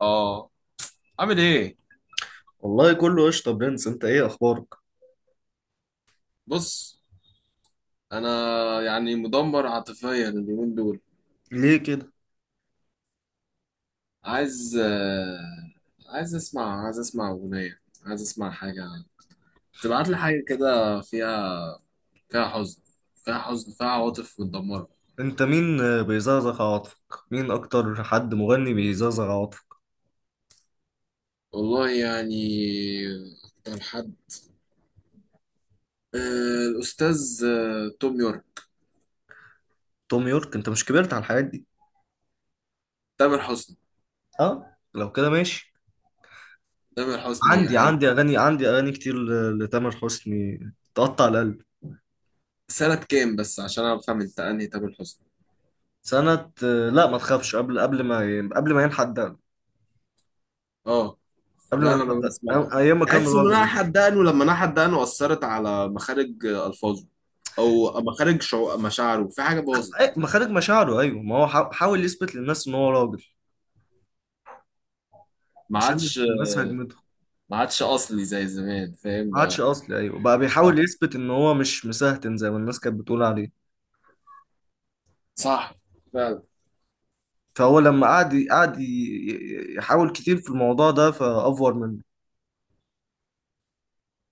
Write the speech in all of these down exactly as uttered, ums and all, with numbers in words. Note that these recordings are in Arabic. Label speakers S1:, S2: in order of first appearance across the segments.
S1: اه. عامل ايه؟
S2: والله كله قشطة، برنس، انت ايه اخبارك؟
S1: بص، انا يعني مدمر عاطفيا اليومين دول.
S2: ليه كده؟
S1: عايز آه، عايز اسمع، عايز اسمع اغنيه، عايز اسمع حاجه، تبعت لي حاجه كده فيها، فيها حزن، فيها حزن فيها عواطف متدمره.
S2: انت مين آه، بيزغزغ عواطفك؟ مين اكتر حد مغني بيزغزغ عواطفك؟
S1: والله يعني اكتر حد آه، الاستاذ آه، توم يورك.
S2: توم يورك؟ انت مش كبرت على الحاجات دي؟
S1: تامر حسني.
S2: اه، لو كده ماشي.
S1: تامر حسني
S2: عندي
S1: حلو.
S2: عندي اغاني عندي اغاني كتير ل- لتامر حسني، تقطع القلب.
S1: سنه كام بس عشان افهم انت انهي تامر حسني؟
S2: سنة، آه، لا، ما تخافش. قبل قبل ما ي- قبل ما ينحدد،
S1: اه.
S2: قبل
S1: لا
S2: ما
S1: انا ما
S2: ينحدد،
S1: بسمع.
S2: أي- ايام ما كان
S1: تحس ان انا
S2: راجل.
S1: حدقنه، لما انا حدقنه اثرت على مخارج الفاظه، او مخارج شعو... مشاعره، في حاجه باظت.
S2: أي- مخارج مشاعره، ايوه، ما هو حا- حاول يثبت للناس ان هو راجل.
S1: ما
S2: عشان
S1: عادش.
S2: الناس هجمته.
S1: ما عادش اصلي زي زمان، فاهم
S2: ما عادش
S1: بقى؟
S2: اصلي، ايوه، بقى بيحاول
S1: بقى-
S2: يثبت ان هو مش مسهتن زي ما الناس كانت بتقول عليه.
S1: صح، فعلا.
S2: فهو لما قعد قعد ي- ي- يحاول كتير في الموضوع ده فافور منه.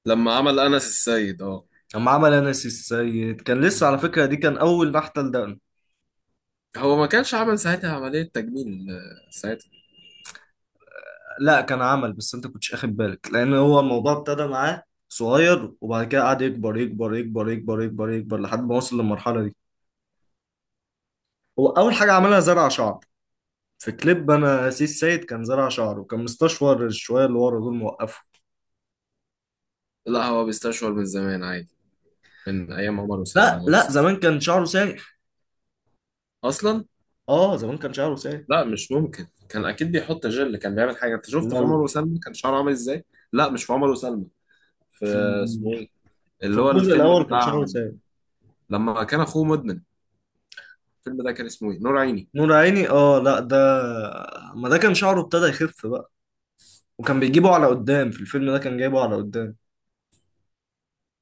S1: لما عمل انس السيد. اه.
S2: لما عمل انس السيد كان لسه على فكره، دي كان اول نحته لدقن.
S1: هو ما كانش عمل ساعتها عمليه تجميل آه، ساعتها؟
S2: لا، كان عمل، بس انت كنتش اخد بالك لان هو الموضوع ابتدى معاه صغير، وبعد كده قعد يكبر يكبر يكبر يكبر يكبر يكبر لحد ما وصل للمرحله دي. هو اول حاجه عملها زرع شعر. في كليب انا سيس سيد كان زرع شعره، وكان مستشفر الشويه اللي ورا دول موقفه.
S1: لا، هو بيستشعر من زمان عادي، من ايام عمر
S2: لا،
S1: وسلمى هو
S2: لا،
S1: بيست...
S2: زمان كان شعره سايق.
S1: اصلا.
S2: اه، زمان كان شعره سايب.
S1: لا مش ممكن، كان اكيد بيحط جل، كان بيعمل حاجه. انت شفت في عمر
S2: لو
S1: وسلمى كان شعره عامل ازاي؟ لا مش في عمر وسلمى، في،
S2: في ال-
S1: اسمه ايه،
S2: في
S1: اللي هو
S2: الجزء
S1: الفيلم
S2: الاول كان شعره
S1: بتاع،
S2: سايب.
S1: لما كان اخوه مدمن، الفيلم ده كان اسمه ايه؟ نور عيني.
S2: نور عيني، اه، لا، ده ما ده كان شعره ابتدى يخف بقى، وكان بيجيبه على قدام. في الفيلم ده كان جايبه على قدام،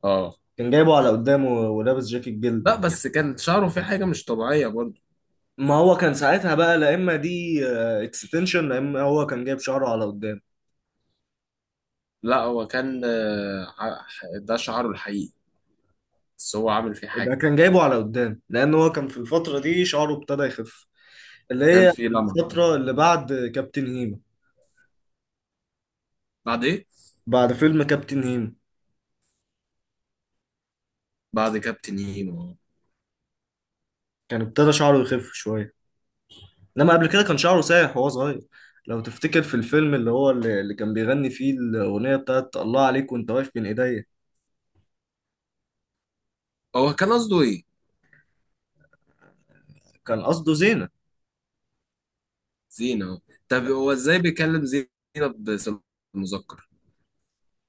S1: اه.
S2: كان جايبه على قدام و- ولابس جاكيت جلد.
S1: لا بس كان شعره فيه حاجه مش طبيعيه برضه.
S2: ما هو كان ساعتها بقى لا، اما دي اكستنشن، لا، اما هو كان جايب شعره على قدام.
S1: لا هو كان، آه، ح- ده شعره الحقيقي، بس هو عامل فيه حاجه.
S2: يبقى كان جايبه على قدام لان هو كان في الفتره دي شعره ابتدى يخف، اللي
S1: كان
S2: هي
S1: فيه لمعه كده.
S2: الفتره اللي بعد كابتن هيما.
S1: بعد ايه؟
S2: بعد فيلم كابتن هيما
S1: بعد كابتن هيما.
S2: كان ابتدى شعره يخف شويه، انما قبل كده كان شعره سايح وهو صغير. لو تفتكر، في الفيلم اللي هو اللي اللي كان بيغني فيه الاغنيه بتاعت الله عليك وانت واقف بين ايديا.
S1: هو كان قصده ايه؟
S2: كان قصده زينه.
S1: زينه. طب هو ازاي بيكلم زينه باسم المذكر؟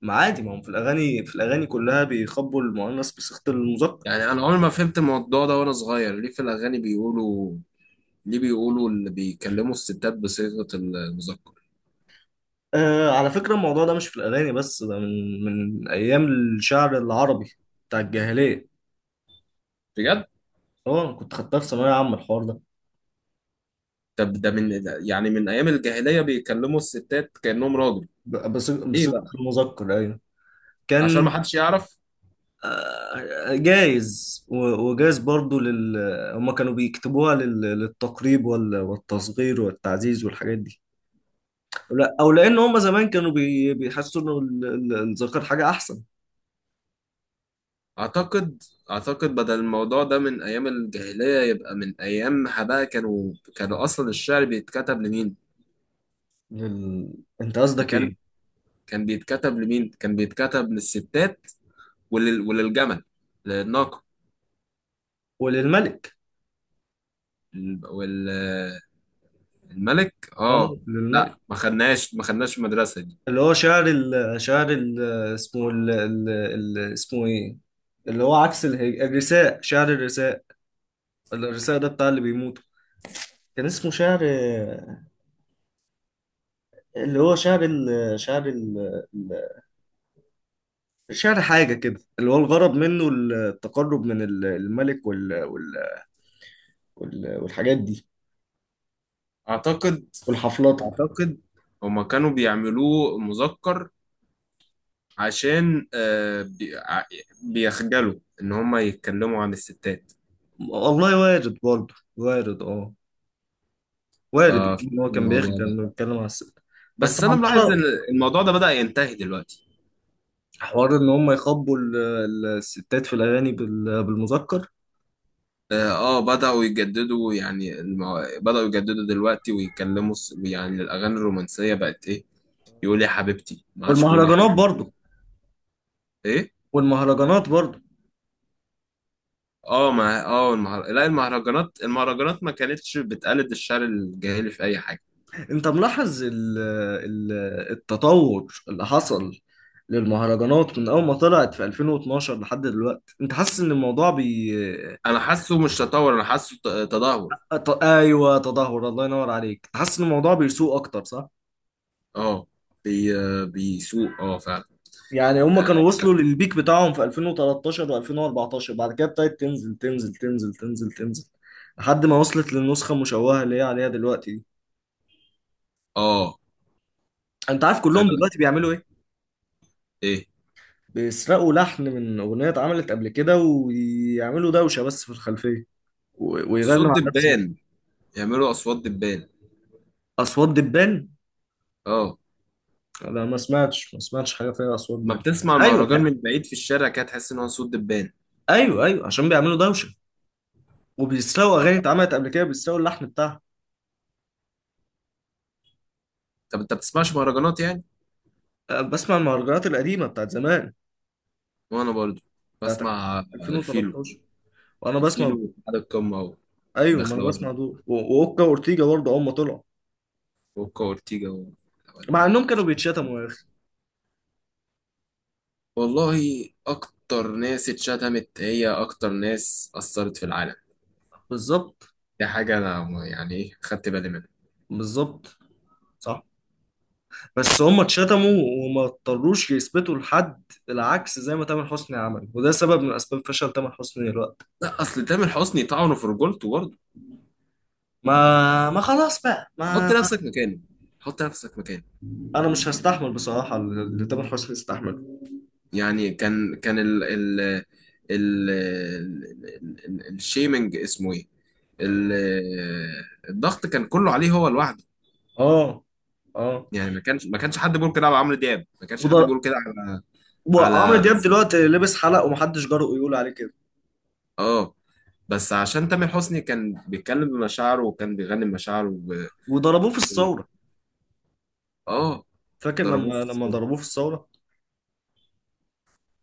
S2: ما عادي، ما هم في الاغاني في الاغاني كلها بيخبوا المؤنث بصيغه المذكر.
S1: يعني انا عمري ما فهمت الموضوع ده وانا صغير، ليه في الاغاني بيقولوا، ليه بيقولوا اللي بيكلموا الستات بصيغه المذكر؟
S2: آه، على فكره الموضوع ده مش في الاغاني بس، ده من من ايام الشعر العربي بتاع الجاهليه.
S1: بجد؟
S2: اه، أنا كنت خدتها في ثانويه عامه، الحوار ده.
S1: طب ده من، ده يعني من ايام الجاهليه بيكلموا الستات كانهم راجل؟
S2: ب- بصيغه
S1: ايه
S2: بصيغة
S1: بقى؟
S2: المذكر، ايوه.
S1: عشان ما
S2: كان
S1: حدش يعرف.
S2: جايز و- وجايز برضو لل. هما كانوا بيكتبوها لل... للتقريب وال... والتصغير والتعزيز والحاجات دي. لا، او لان هما زمان كانوا بي... بيحسوا انه ال- ال- الذكر حاجه احسن.
S1: اعتقد، اعتقد بدل الموضوع ده من ايام الجاهليه يبقى من ايامها بقى، كانوا كانوا اصلا الشعر بيتكتب لمين؟
S2: لل... انت
S1: ما
S2: قصدك
S1: كان
S2: ايه؟
S1: كان بيتكتب لمين؟ كان بيتكتب للستات، ولل، وللجمل، للناقه،
S2: وللملك،
S1: والملك.
S2: اه،
S1: اه.
S2: للملك.
S1: لا ما خدناش، ما خدناش المدرسه دي.
S2: اللي هو شعر ال... شعر ال... اسمه ال... ال... ال... اسمه ايه؟ اللي هو عكس الهج... الرثاء، شعر الرثاء. الرثاء ده بتاع اللي بيموتوا. كان اسمه شعر، اللي هو شعر ال... شعر ال... شعر حاجة كده، اللي هو الغرض منه التقرب من ال- الملك وال... وال... وال... والحاجات دي
S1: اعتقد،
S2: والحفلطة.
S1: اعتقد هما كانوا بيعملوه مذكر عشان آه، بي- ع- بيخجلوا ان هم يتكلموا عن الستات.
S2: والله وارد برضه، وارد، اه، وارد يكون
S1: ففي
S2: هو كان
S1: الموضوع
S2: بيخجل
S1: ده،
S2: انه يتكلم على الست. بس
S1: بس انا ملاحظ
S2: عمارة،
S1: ان الموضوع ده بدأ ينتهي دلوقتي.
S2: حوار ان هم يخبوا ال- ال- الستات في الاغاني بال... بالمذكر.
S1: اه. آه، بدأوا يجددوا يعني المو... بدأوا يجددوا دلوقتي ويتكلموا س- يعني الاغاني الرومانسية بقت ايه، يقول يا حبيبتي، ما عادش بيقول يا
S2: والمهرجانات
S1: حبيبتي.
S2: برضه،
S1: ايه؟
S2: والمهرجانات برضه.
S1: اه ما اه المهر... لا المهرجانات، المهرجانات ما كانتش بتقلد الشعر الجاهلي في اي حاجة.
S2: انت ملاحظ ال... ال... التطور اللي حصل للمهرجانات من اول ما طلعت في ألفين واتناشر لحد دلوقتي، انت حاسس ان الموضوع بي
S1: انا حاسه مش تطور، انا حاسه ت- تدهور.
S2: أط... ايوه، تدهور، الله ينور عليك، تحس ان الموضوع بيسوء اكتر، صح.
S1: اه. بي... بيسوق، اه فعلا.
S2: يعني هم كانوا وصلوا للبيك بتاعهم في ألفين وتلتاشر و2014، بعد كده ابتدت تنزل تنزل تنزل تنزل تنزل لحد ما وصلت للنسخه المشوهه اللي هي عليها دلوقتي دي.
S1: اه
S2: انت عارف كلهم
S1: فعلا.
S2: دلوقتي بيعملوا ايه؟
S1: ايه؟
S2: بيسرقوا لحن من اغنيه اتعملت قبل كده ويعملوا دوشه بس في الخلفيه، و... ويغنوا
S1: صوت
S2: على نفس
S1: دبان، يعملوا اصوات دبان.
S2: اصوات دبان.
S1: اه.
S2: انا ما سمعتش ما سمعتش حاجه فيها اصوات
S1: ما
S2: دبان، بس
S1: بتسمع
S2: ايوه.
S1: المهرجان من بعيد في الشارع كده، تحس ان هو صوت دبان.
S2: ايوه، ايوه، عشان بيعملوا دوشه وبيسرقوا اغاني
S1: اه.
S2: اتعملت قبل كده، بيسرقوا اللحن بتاعها.
S1: طب انت بتسمعش مهرجانات يعني؟
S2: أه، بسمع المهرجانات القديمه بتاعت زمان،
S1: وانا برضو
S2: بتاعت
S1: بسمع الفيلو،
S2: ألفين وتلتاشر. وانا بسمع.
S1: الفيلو على القمه،
S2: ايوه، ما انا
S1: ودخلوية،
S2: بسمع دول و- واوكا واورتيجا برضه اول ما طلعوا،
S1: وكا اورتيجا و-
S2: مع انهم
S1: ولا-
S2: كانوا بيتشتموا يا اخي.
S1: والله. اكتر ناس اتشتمت هي اكتر ناس اثرت في العالم.
S2: بالظبط،
S1: دي حاجه انا م- يعني ايه، خدت بالي منها.
S2: بالظبط، صح. بس هم اتشتموا وما اضطروش يثبتوا لحد، العكس زي ما تامر حسني عمل، وده سبب من اسباب فشل تامر حسني دلوقتي.
S1: لا اصل تامر حسني طعنه في رجولته برضه.
S2: ما ما خلاص بقى
S1: حط
S2: ما.
S1: نفسك مكانه. حط نفسك مكانه.
S2: انا مش هستحمل بصراحه اللي تامر حسني استحمله.
S1: يعني كان كان ال ال ال ال الشيمنج اسمه ايه؟ ال- الضغط كان كله عليه هو لوحده.
S2: اه، اه،
S1: يعني ما كانش ما كانش حد بيقول كده على عمرو دياب، ما كانش حد
S2: وضر...
S1: بيقول كده على،
S2: وعمرو
S1: على.
S2: دياب دلوقتي لبس حلق ومحدش جرؤ يقول عليه كده،
S1: اه. بس عشان تامر حسني كان بيتكلم بمشاعره وكان بيغني بمشاعره وب...
S2: وضربوه في
S1: و-
S2: الثورة.
S1: اه.
S2: فاكر
S1: ضربوه في
S2: لما لما
S1: الصورة.
S2: ضربوه في الثورة؟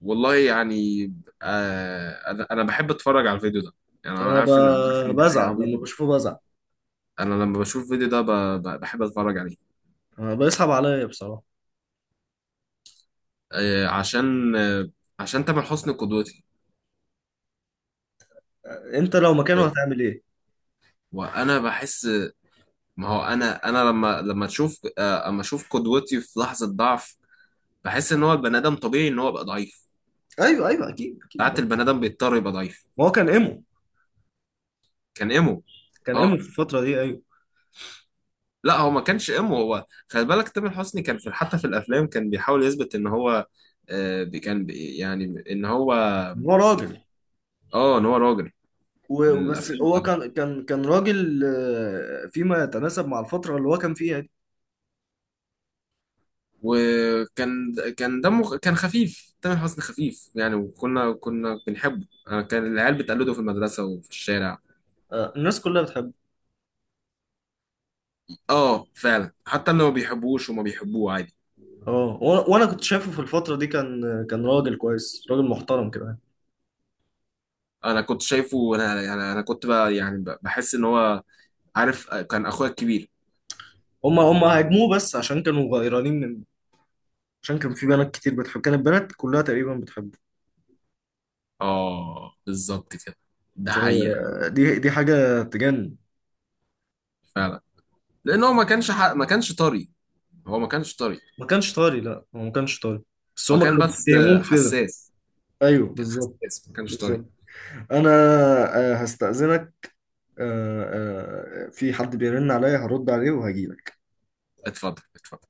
S1: والله يعني، آه انا انا بحب اتفرج على الفيديو ده. يعني انا
S2: انا
S1: عارف ان، انا عارف
S2: ب-
S1: ان دي حاجه
S2: بزعل لما
S1: عبيطه.
S2: بشوفه، بزعل.
S1: انا لما بشوف الفيديو ده ب... ب... بحب اتفرج عليه.
S2: أنا بيصعب عليا بصراحة.
S1: آه، عشان آه، عشان تامر حسني قدوتي،
S2: انت لو مكانه
S1: و-
S2: هتعمل ايه؟
S1: وانا بحس، ما هو انا انا لما لما تشوف آه، اما اشوف قدوتي في لحظه ضعف، بحس ان هو البني ادم طبيعي ان هو يبقى ضعيف.
S2: ايوه، ايوه، اكيد، اكيد، ما
S1: ساعات البني ادم بيضطر يبقى ضعيف.
S2: هو كان ايمو،
S1: كان ايمو.
S2: كان ايمو
S1: اه.
S2: في الفترة دي، ايوه.
S1: لا هو ما كانش ايمو، هو خلي بالك تامر حسني كان في، حتى في الافلام، كان بيحاول يثبت ان هو آه، بي- كان بي- يعني ان هو،
S2: هو راجل،
S1: اه، ان هو راجل. من
S2: وبس
S1: الافلام.
S2: هو كان كان كان راجل آه، فيما يتناسب مع الفترة اللي هو كان فيها دي.
S1: وكان كان دمه كان خفيف، تامر حسني خفيف يعني، وكنا كنا بنحبه، أنا كان العيال بتقلده في المدرسة وفي الشارع.
S2: آه، الناس كلها بتحبه.
S1: اه فعلا، حتى اللي ما بيحبوش وما بيحبوه عادي.
S2: اه، وأنا وأنا كنت شايفه في الفترة دي كان كان راجل كويس، راجل محترم كده.
S1: انا كنت شايفه، انا انا أنا كنت بقى يعني ب- بحس ان هو، عارف، آه، كان اخويا الكبير.
S2: هم هم هاجموه بس عشان كانوا غيرانين، من عشان كان في بنات كتير بتحب، كانت بنات كلها تقريبا بتحبه.
S1: اه بالظبط كده، ده حقيقة،
S2: فدي دي حاجة تجنن.
S1: فعلا. لان هو ما كانش ح... ما كانش طري. هو ما كانش طري.
S2: ما كانش طاري، لا، هو ما كانش طاري، بس
S1: هو
S2: هم
S1: كان
S2: كانوا
S1: بس
S2: بيتهموه كده.
S1: حساس،
S2: ايوه،
S1: كان
S2: بالظبط،
S1: حساس، ما كانش طري.
S2: بالظبط. انا آه، هستأذنك، آه، آه، في حد بيرن عليا، هرد عليه وهجيلك.
S1: اتفضل، اتفضل.